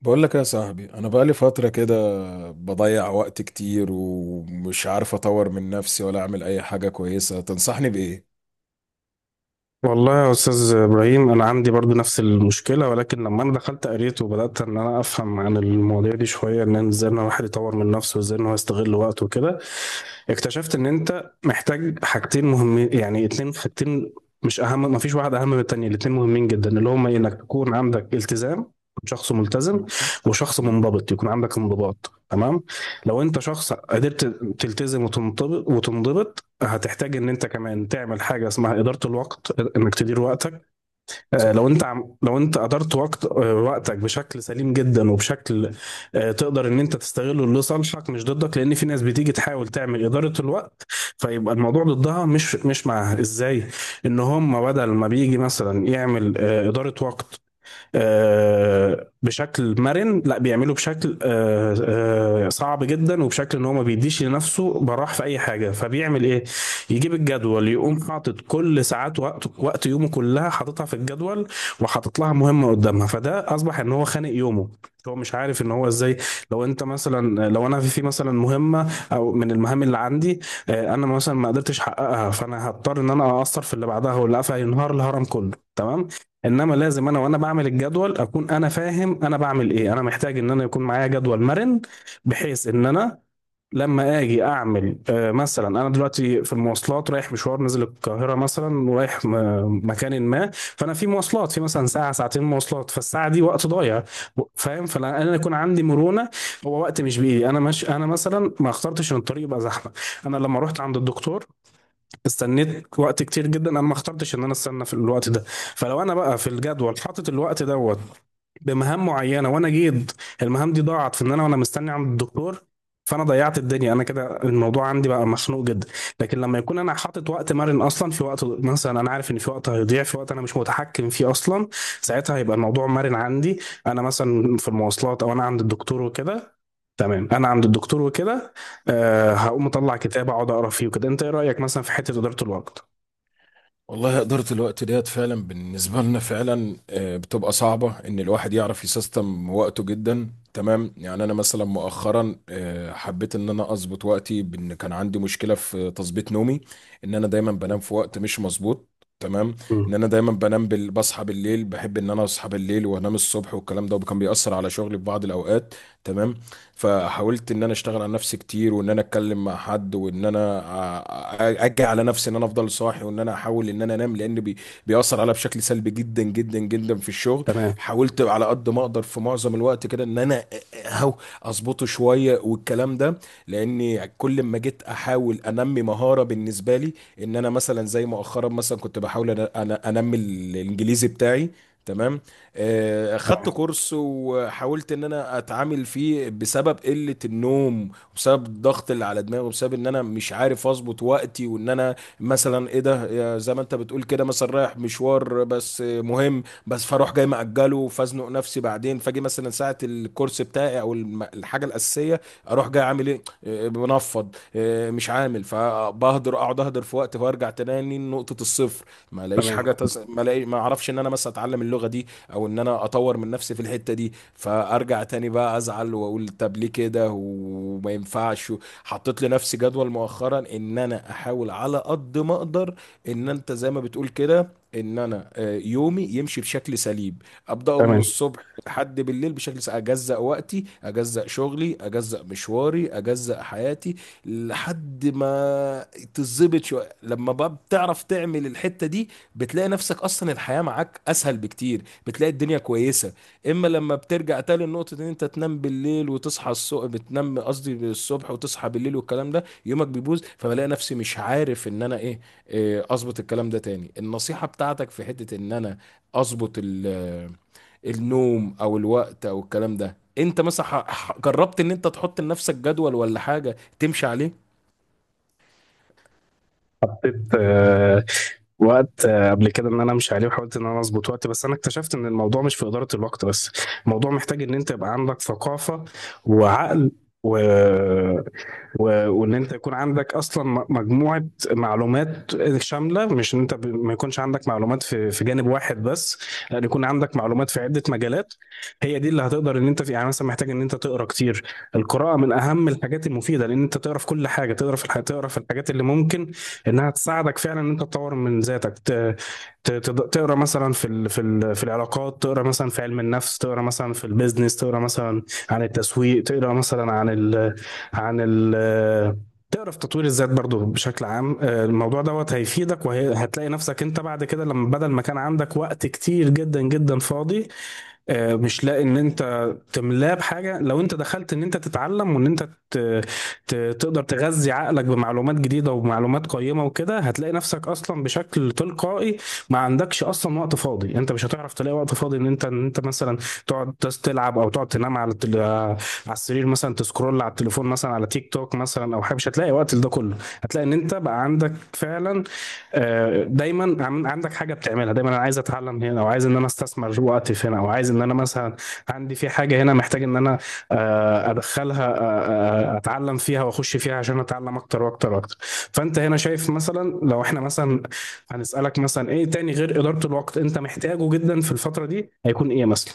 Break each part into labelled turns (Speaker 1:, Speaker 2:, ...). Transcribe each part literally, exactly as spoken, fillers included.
Speaker 1: بقول لك يا صاحبي، انا بقالي فتره كده بضيع وقت كتير ومش عارف اطور من نفسي ولا اعمل اي حاجه كويسه. تنصحني بايه؟
Speaker 2: والله يا استاذ ابراهيم، انا عندي برضو نفس المشكله، ولكن لما انا دخلت قريت وبدات ان انا افهم عن المواضيع دي شويه، ان ازاي ان الواحد يطور من نفسه وازاي ان هو يستغل وقته وكده، اكتشفت ان انت محتاج حاجتين مهمين، يعني اتنين حاجتين، مش اهم، ما فيش واحد اهم من التانية، الاتنين مهمين جدا، اللي هما انك تكون عندك التزام، شخص ملتزم،
Speaker 1: تمام
Speaker 2: وشخص
Speaker 1: تمام.
Speaker 2: منضبط، يكون عندك انضباط. تمام. لو انت شخص قدرت تلتزم وتنضبط وتنضبط، هتحتاج ان انت كمان تعمل حاجة اسمها إدارة الوقت، انك تدير وقتك. آه، لو
Speaker 1: صح.
Speaker 2: انت عم- لو انت ادرت وقت آه، وقتك بشكل سليم جدا وبشكل آه، تقدر ان انت تستغله لصالحك مش ضدك، لان في ناس بتيجي تحاول تعمل اداره الوقت، فيبقى الموضوع ضدها مش مش معاها. ازاي؟ ان هم بدل ما بيجي مثلا يعمل آه، اداره وقت آه، بشكل مرن، لا، بيعمله بشكل آه، آه، صعب جدا، وبشكل ان هو ما بيديش لنفسه براح في اي حاجه. فبيعمل ايه؟ يجيب الجدول، يقوم حاطط كل ساعات وقت وقت يومه كلها، حاططها في الجدول، وحاطط لها مهمه قدامها، فده اصبح ان هو خانق يومه، هو مش عارف ان هو ازاي. لو انت مثلا لو انا في في مثلا مهمه او من المهام اللي عندي، آه، انا مثلا ما قدرتش احققها، فانا هضطر ان انا اقصر في اللي بعدها، واللي قفل، ينهار الهرم كله. تمام؟ انما لازم انا وانا بعمل الجدول اكون انا فاهم انا بعمل ايه، انا محتاج ان انا يكون معايا جدول مرن، بحيث ان انا لما اجي اعمل آه، مثلا، انا دلوقتي في المواصلات، رايح مشوار، نزل القاهره مثلا، ورايح م- مكان ما، فانا في مواصلات، في مثلا ساعه ساعتين مواصلات، فالساعه دي وقت ضايع، و- فاهم؟ فانا يكون عندي مرونه، هو وقت مش بايدي انا مش انا مثلا ما اخترتش ان الطريق يبقى زحمه. انا لما رحت عند الدكتور استنيت وقت كتير جدا، انا ما اخترتش ان انا استنى في الوقت ده. فلو انا بقى في الجدول حاطط الوقت دوت بمهام معينه، وانا جيت المهام دي ضاعت في ان انا وانا مستني عند الدكتور، فانا ضيعت الدنيا، انا كده الموضوع عندي بقى مخنوق جدا. لكن لما يكون انا حاطط وقت مرن اصلا، في وقت مثلا انا عارف ان في وقت هيضيع، في وقت انا مش متحكم فيه اصلا، ساعتها هيبقى الموضوع مرن عندي، انا مثلا في المواصلات او انا عند الدكتور وكده. تمام، انا عند الدكتور وكده، آه هقوم اطلع كتاب، اقعد اقرا فيه وكده. انت ايه رايك مثلا في حته اداره الوقت؟
Speaker 1: والله إدارة الوقت ديت فعلا بالنسبة لنا فعلا، آه، بتبقى صعبة إن الواحد يعرف يسيستم وقته، جدا تمام. يعني أنا مثلا مؤخرا آه، حبيت إن أنا أظبط وقتي، بإن كان عندي مشكلة في تظبيط نومي. إن أنا دايما بنام في وقت مش مظبوط. تمام.
Speaker 2: مم.
Speaker 1: إن أنا دايما بنام بال... بصحى بالليل، بحب إن أنا أصحى بالليل وأنام الصبح والكلام ده، وكان بيأثر على شغلي في بعض الأوقات. تمام. فحاولت ان انا اشتغل على نفسي كتير، وان انا اتكلم مع حد، وان انا أ- أ- اجي على نفسي ان انا افضل صاحي، وان انا احاول ان انا انام، لان بي بيأثر عليا بشكل سلبي جدا جدا جدا في الشغل.
Speaker 2: تمام،
Speaker 1: حاولت على قد ما اقدر في معظم الوقت كده ان انا اهو اظبطه شويه والكلام ده، لاني كل ما جيت احاول انمي مهاره بالنسبه لي ان انا مثلا، زي مؤخرا مثلا كنت بحاول أنا أنا- انمي الانجليزي بتاعي. تمام. آه، خدت
Speaker 2: تمام،
Speaker 1: كورس وحاولت ان انا اتعامل فيه، بسبب قلة النوم وبسبب الضغط اللي على دماغي وبسبب ان انا مش عارف اظبط وقتي وان انا مثلا ايه ده. يا زي ما انت بتقول كده، مثلا رايح مشوار، بس آه، مهم، بس فاروح جاي مأجله، فازنق نفسي بعدين، فاجي مثلا ساعة الكورس بتاعي او الم- الحاجة الأساسية، اروح جاي عامل ايه. آه، بنفض، آه، مش عامل، فبهدر اقعد اهدر في وقت، فارجع تاني نقطة الصفر. ما الاقيش
Speaker 2: تمام،
Speaker 1: حاجة تس... ما الاقي ما اعرفش ان انا مثلا اتعلم اللغة دي، او ان انا اطور من نفسي في الحتة دي، فارجع تاني بقى ازعل واقول طب ليه كده وما ينفعش. حطيت لنفسي جدول مؤخرا ان انا احاول على قد ما اقدر، ان انت زي ما بتقول كده ان انا آه، يومي يمشي بشكل سليم، ابداه من
Speaker 2: تمام.
Speaker 1: الصبح لحد بالليل بشكل سليم. اجزأ وقتي، اجزأ شغلي، اجزأ مشواري، اجزأ حياتي لحد ما تظبط شويه. لما بقى بتعرف تعمل الحته دي بتلاقي نفسك اصلا الحياه معاك اسهل بكتير، بتلاقي الدنيا كويسه. اما لما بترجع تاني لنقطه ان انت تنام بالليل وتصحى الصبح، بتنام قصدي الصبح وتصحى بالليل والكلام ده، يومك بيبوظ فبلاقي نفسي مش عارف ان انا ايه. إيه، اظبط الكلام ده تاني. النصيحه بتاعتك في حته ان انا اظبط ال- آه، النوم او الوقت او الكلام ده. انت مثلا ح- ح- جربت ان انت تحط لنفسك جدول ولا حاجه تمشي عليه؟
Speaker 2: حطيت آه، وقت آه، قبل كده، ان انا امشي عليه، وحاولت ان انا اظبط وقت، بس انا اكتشفت ان الموضوع مش في اداره الوقت بس، الموضوع محتاج ان انت يبقى عندك ثقافه وعقل، و... و... وان انت يكون عندك اصلا م- مجموعه معلومات شامله، مش ان انت ب... ما يكونش عندك معلومات في في جانب واحد بس، لان يكون عندك معلومات في عده مجالات، هي دي اللي هتقدر ان انت في، يعني مثلا محتاج ان انت تقرا كتير. القراءه من اهم الحاجات المفيده، لان انت تقرا في كل حاجه، تقرا في الح... تقرا في الحاجات اللي ممكن انها تساعدك فعلا ان انت تطور من ذاتك، ت... ت... تد- تقرا مثلا في ال... في ال... في العلاقات، تقرا مثلا في علم النفس، تقرا مثلا في البيزنس، تقرا مثلا عن التسويق، تقرا مثلا عن ال... عن ال... تقرا في تطوير الذات برضو بشكل عام. آه، الموضوع دوت هيفيدك، وهتلاقي نفسك انت بعد كده، لما بدل ما كان عندك وقت كتير جدا جدا فاضي، آه، مش لاقي ان انت تملاه بحاجه، لو انت دخلت ان انت تتعلم، وان انت ت- ت- تقدر تغذي عقلك بمعلومات جديدة ومعلومات قيمة وكده، هتلاقي نفسك أصلا بشكل تلقائي ما عندكش أصلا وقت فاضي، أنت مش هتعرف تلاقي وقت فاضي. إن أنت إن أنت مثلا تقعد بس تلعب، أو تقعد تنام على التل... آه، على السرير مثلا، تسكرول على التليفون مثلا، على تيك توك مثلا، أو حاجة، مش هتلاقي وقت لده كله. هتلاقي إن أنت بقى عندك فعلا آه، دايما عن- عندك حاجة بتعملها دايما، أنا عايز أتعلم هنا، أو عايز إن أنا أستثمر وقتي في هنا، أو عايز إن أنا مثلا عندي في حاجة هنا محتاج إن أنا آه، ادخلها، آه، آه، اتعلم فيها واخش فيها عشان اتعلم اكتر واكتر واكتر. فانت هنا شايف مثلا، لو احنا مثلا هنسالك مثلا ايه تاني غير اداره الوقت انت محتاجه جدا في الفتره دي، هيكون ايه مثلا؟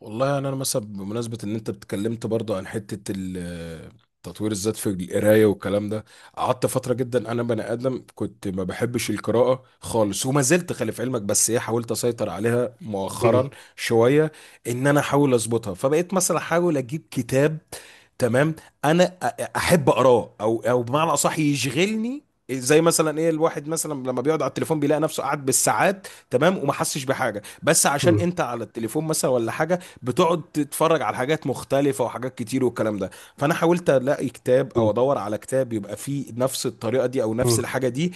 Speaker 1: والله يعني انا مثلا بمناسبه ان انت اتكلمت برضه عن حته ال- تطوير الذات في القرايه والكلام ده. قعدت فتره، جدا انا بني ادم كنت ما بحبش القراءه خالص، وما زلت خلي في علمك، بس ايه حاولت اسيطر عليها
Speaker 2: مم،
Speaker 1: مؤخرا شويه ان انا احاول اظبطها، فبقيت مثلا احاول اجيب كتاب. تمام. انا أ- احب اقراه، او او بمعنى اصح يشغلني. زي مثلا ايه الواحد مثلا لما بيقعد على التليفون بيلاقي نفسه قاعد بالساعات، تمام، وما حسش بحاجه، بس عشان
Speaker 2: مم،
Speaker 1: انت على التليفون مثلا ولا حاجه، بتقعد تتفرج على حاجات مختلفه وحاجات كتير والكلام ده. فانا حاولت الاقي كتاب
Speaker 2: مم،
Speaker 1: او ادور على كتاب يبقى فيه نفس الطريقه دي او نفس
Speaker 2: مم،
Speaker 1: الحاجه دي.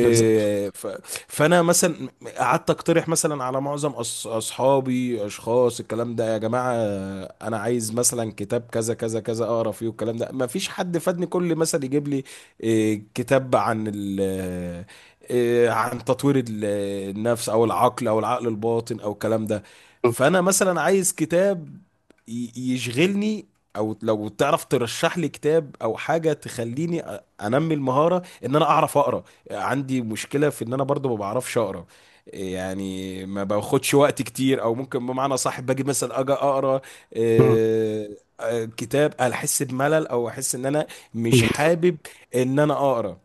Speaker 2: بالظبط.
Speaker 1: ف- فانا مثلا قعدت اقترح مثلا على معظم أص- اصحابي، اشخاص الكلام ده: يا جماعه انا عايز مثلا كتاب كذا كذا كذا اقرا فيه والكلام ده، ما فيش حد فادني. كل مثلا يجيب لي إيه، كتاب عن ال إيه، عن تطوير ال- النفس او العقل او العقل الباطن او الكلام ده.
Speaker 2: مم،
Speaker 1: فانا مثلا عايز كتاب ي- يشغلني، او لو تعرف ترشح لي كتاب او حاجه تخليني أ- انمي المهاره ان انا اعرف اقرا. عندي مشكله في ان انا برضو ما بعرفش اقرا، يعني ما باخدش وقت كتير، او ممكن بمعنى صح باجي مثلا اجي اقرا
Speaker 2: مم،
Speaker 1: آه، آه، كتاب، احس بملل او احس ان انا مش
Speaker 2: بالظبط.
Speaker 1: حابب ان انا اقرا.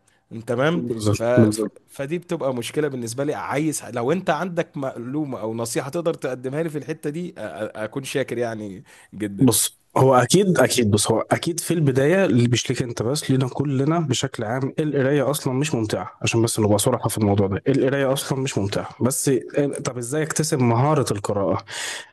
Speaker 1: تمام. ف
Speaker 2: بالظبط،
Speaker 1: ف-
Speaker 2: بالظبط.
Speaker 1: فدي بتبقى مشكلة بالنسبة لي، عايز لو انت عندك معلومة او نصيحة تقدر تقدمها لي في الحتة دي أ- أ- اكون شاكر يعني جدا.
Speaker 2: بص هو اكيد اكيد بص، هو اكيد في البدايه، اللي مش ليك انت بس، لينا كلنا بشكل عام، القرايه اصلا مش ممتعه، عشان بس نبقى صراحه في الموضوع ده، القرايه اصلا مش ممتعه، بس طب ازاي اكتسب مهاره القراءه؟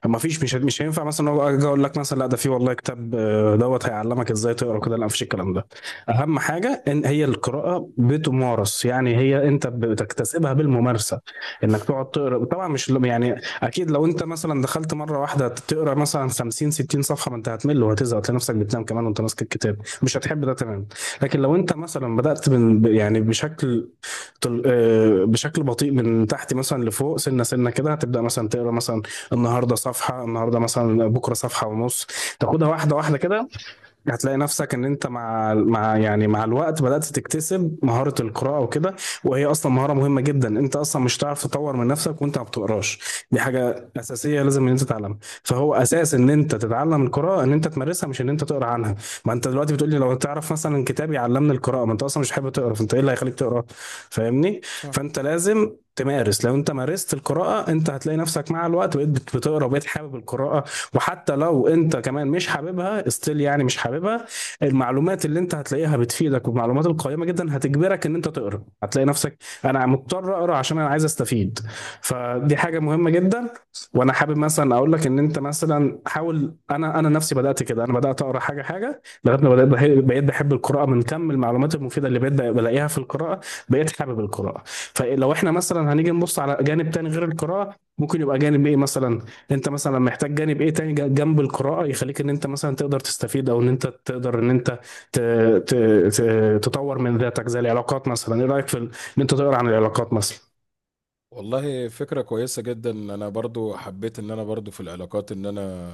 Speaker 2: ما فيش، مش مش هينفع مثلا هو اجي اقول لك مثلا، لا، ده في والله كتاب آه، دوت هيعلمك ازاي تقرا كده، لا، مفيش الكلام ده. اهم حاجه ان هي القراءه بتمارس، يعني هي انت بتكتسبها بالممارسه، انك تقعد تقرا. طبعا مش يعني، اكيد لو انت مثلا دخلت مره واحده تقرا مثلا خمسين ستين صفحه، ما انت هتمل وهتزهق، هتلاقي نفسك بتنام كمان وانت ماسك الكتاب، مش هتحب ده. تمام؟ لكن لو انت مثلا بدات من ب- يعني بشكل طل... آه، بشكل بطيء، من تحت مثلا لفوق، سنه سنه كده، هتبدا مثلا تقرا مثلا النهارده صفحه، النهارده مثلا، بكره صفحه ونص، تاخدها واحده واحده كده، هتلاقي نفسك ان انت مع مع يعني مع الوقت بدأت تكتسب مهارة القراءة وكده. وهي اصلا مهارة مهمة جدا، انت اصلا مش هتعرف تطور من نفسك وانت ما بتقراش، دي حاجة اساسية لازم ان انت تتعلمها. فهو اساس ان انت تتعلم القراءة ان انت تمارسها، مش ان انت تقرا عنها. ما انت دلوقتي بتقول لي لو تعرف مثلا كتاب يعلمني القراءة، ما انت اصلا مش حابب تقرا، فانت ايه اللي هيخليك تقرا؟ فاهمني؟
Speaker 1: صح.
Speaker 2: فانت لازم تمارس. لو انت مارست القراءة، انت هتلاقي نفسك مع الوقت بقيت بت- بتقرا، وبقيت حابب القراءة. وحتى لو انت كمان مش حاببها استيل، يعني مش حاببها، المعلومات اللي انت هتلاقيها بتفيدك والمعلومات القيمة جدا هتجبرك ان انت تقرا، هتلاقي نفسك انا مضطر اقرا عشان انا عايز استفيد. فدي حاجة مهمة جدا. وانا حابب مثلا اقول لك ان انت مثلا حاول، انا انا نفسي بدأت كده، انا بدأت اقرا حاجة حاجة لغاية ما بدأت بحب- بقيت بحب القراءة، من كم المعلومات المفيدة اللي بقيت بلاقيها في القراءة بقيت حابب القراءة. فلو احنا مثلا هنيجي نبص على جانب تاني غير القراءة، ممكن يبقى جانب ايه مثلا؟ انت مثلا محتاج جانب ايه تاني ج- جنب القراءة يخليك ان انت مثلا تقدر تستفيد، او ان انت تقدر ان انت ت... ت... ت... تطور من ذاتك، زي العلاقات مثلا. ايه رأيك في ال... ان انت تقرا عن العلاقات مثلا؟
Speaker 1: والله فكرة كويسة جدا. انا برضو حبيت ان انا برضو في العلاقات ان انا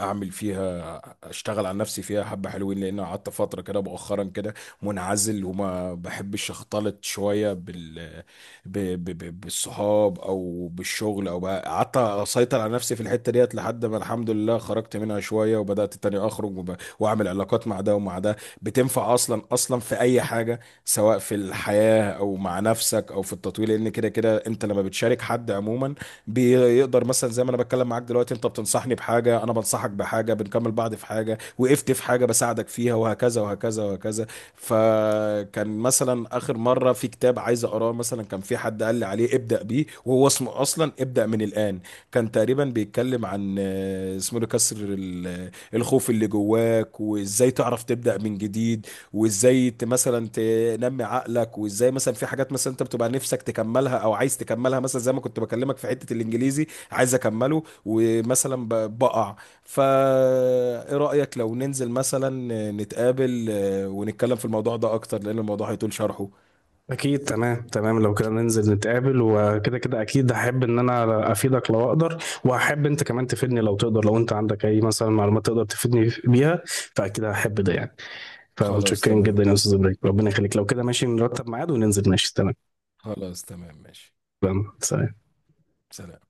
Speaker 1: اعمل فيها، اشتغل على نفسي فيها حبة حلوين، لان أنا قعدت فترة كده مؤخرا كده منعزل وما بحبش اختلط شوية بال ب... ب... ب... بالصحاب او بالشغل، او بقى قعدت اسيطر على نفسي في الحتة ديت لحد ما الحمد لله خرجت منها شوية، وبدأت تاني اخرج وب... واعمل علاقات مع ده ومع ده. بتنفع اصلا اصلا في اي حاجة، سواء في الحياة او مع نفسك او في التطوير، لان كده كده انت لما بتشارك حد عموما بيقدر، مثلا زي ما انا بتكلم معاك دلوقتي انت بتنصحني بحاجة انا بنصحك بحاجة، بنكمل بعض في حاجة وقفت في حاجة بساعدك فيها، وهكذا وهكذا وهكذا. فكان مثلا اخر مرة في كتاب عايز اقراه مثلا، كان في حد قال لي عليه ابدأ بيه، وهو اسمه اصلا ابدأ من الآن. كان تقريبا بيتكلم عن آه، اسمه ده كسر ال- الخوف اللي جواك، وازاي تعرف تبدأ من جديد، وازاي ت- مثلا تنمي عقلك، وازاي مثلا في حاجات مثلا انت بتبقى نفسك تكملها او عايز تكملها، مثلا زي ما كنت بكلمك في حتة الانجليزي عايز اكمله، ومثلا ب- بقع فا ايه رأيك لو ننزل مثلا نتقابل، آه، ونتكلم في الموضوع ده اكتر، لان الموضوع هيطول شرحه.
Speaker 2: اكيد، تمام تمام، لو كده ننزل نتقابل وكده، كده اكيد هحب ان انا افيدك لو اقدر، وهحب انت كمان تفيدني لو تقدر، لو انت عندك اي مثلا معلومات تقدر تفيدني بيها، فاكيد هحب ده يعني.
Speaker 1: خلاص
Speaker 2: فمتشكرين
Speaker 1: تمام.
Speaker 2: جدا يا استاذ ابراهيم، ربنا يخليك، لو كده ماشي نرتب ميعاد وننزل، ماشي؟ تمام،
Speaker 1: خلاص تمام ماشي.
Speaker 2: تمام، سلام.
Speaker 1: سلام.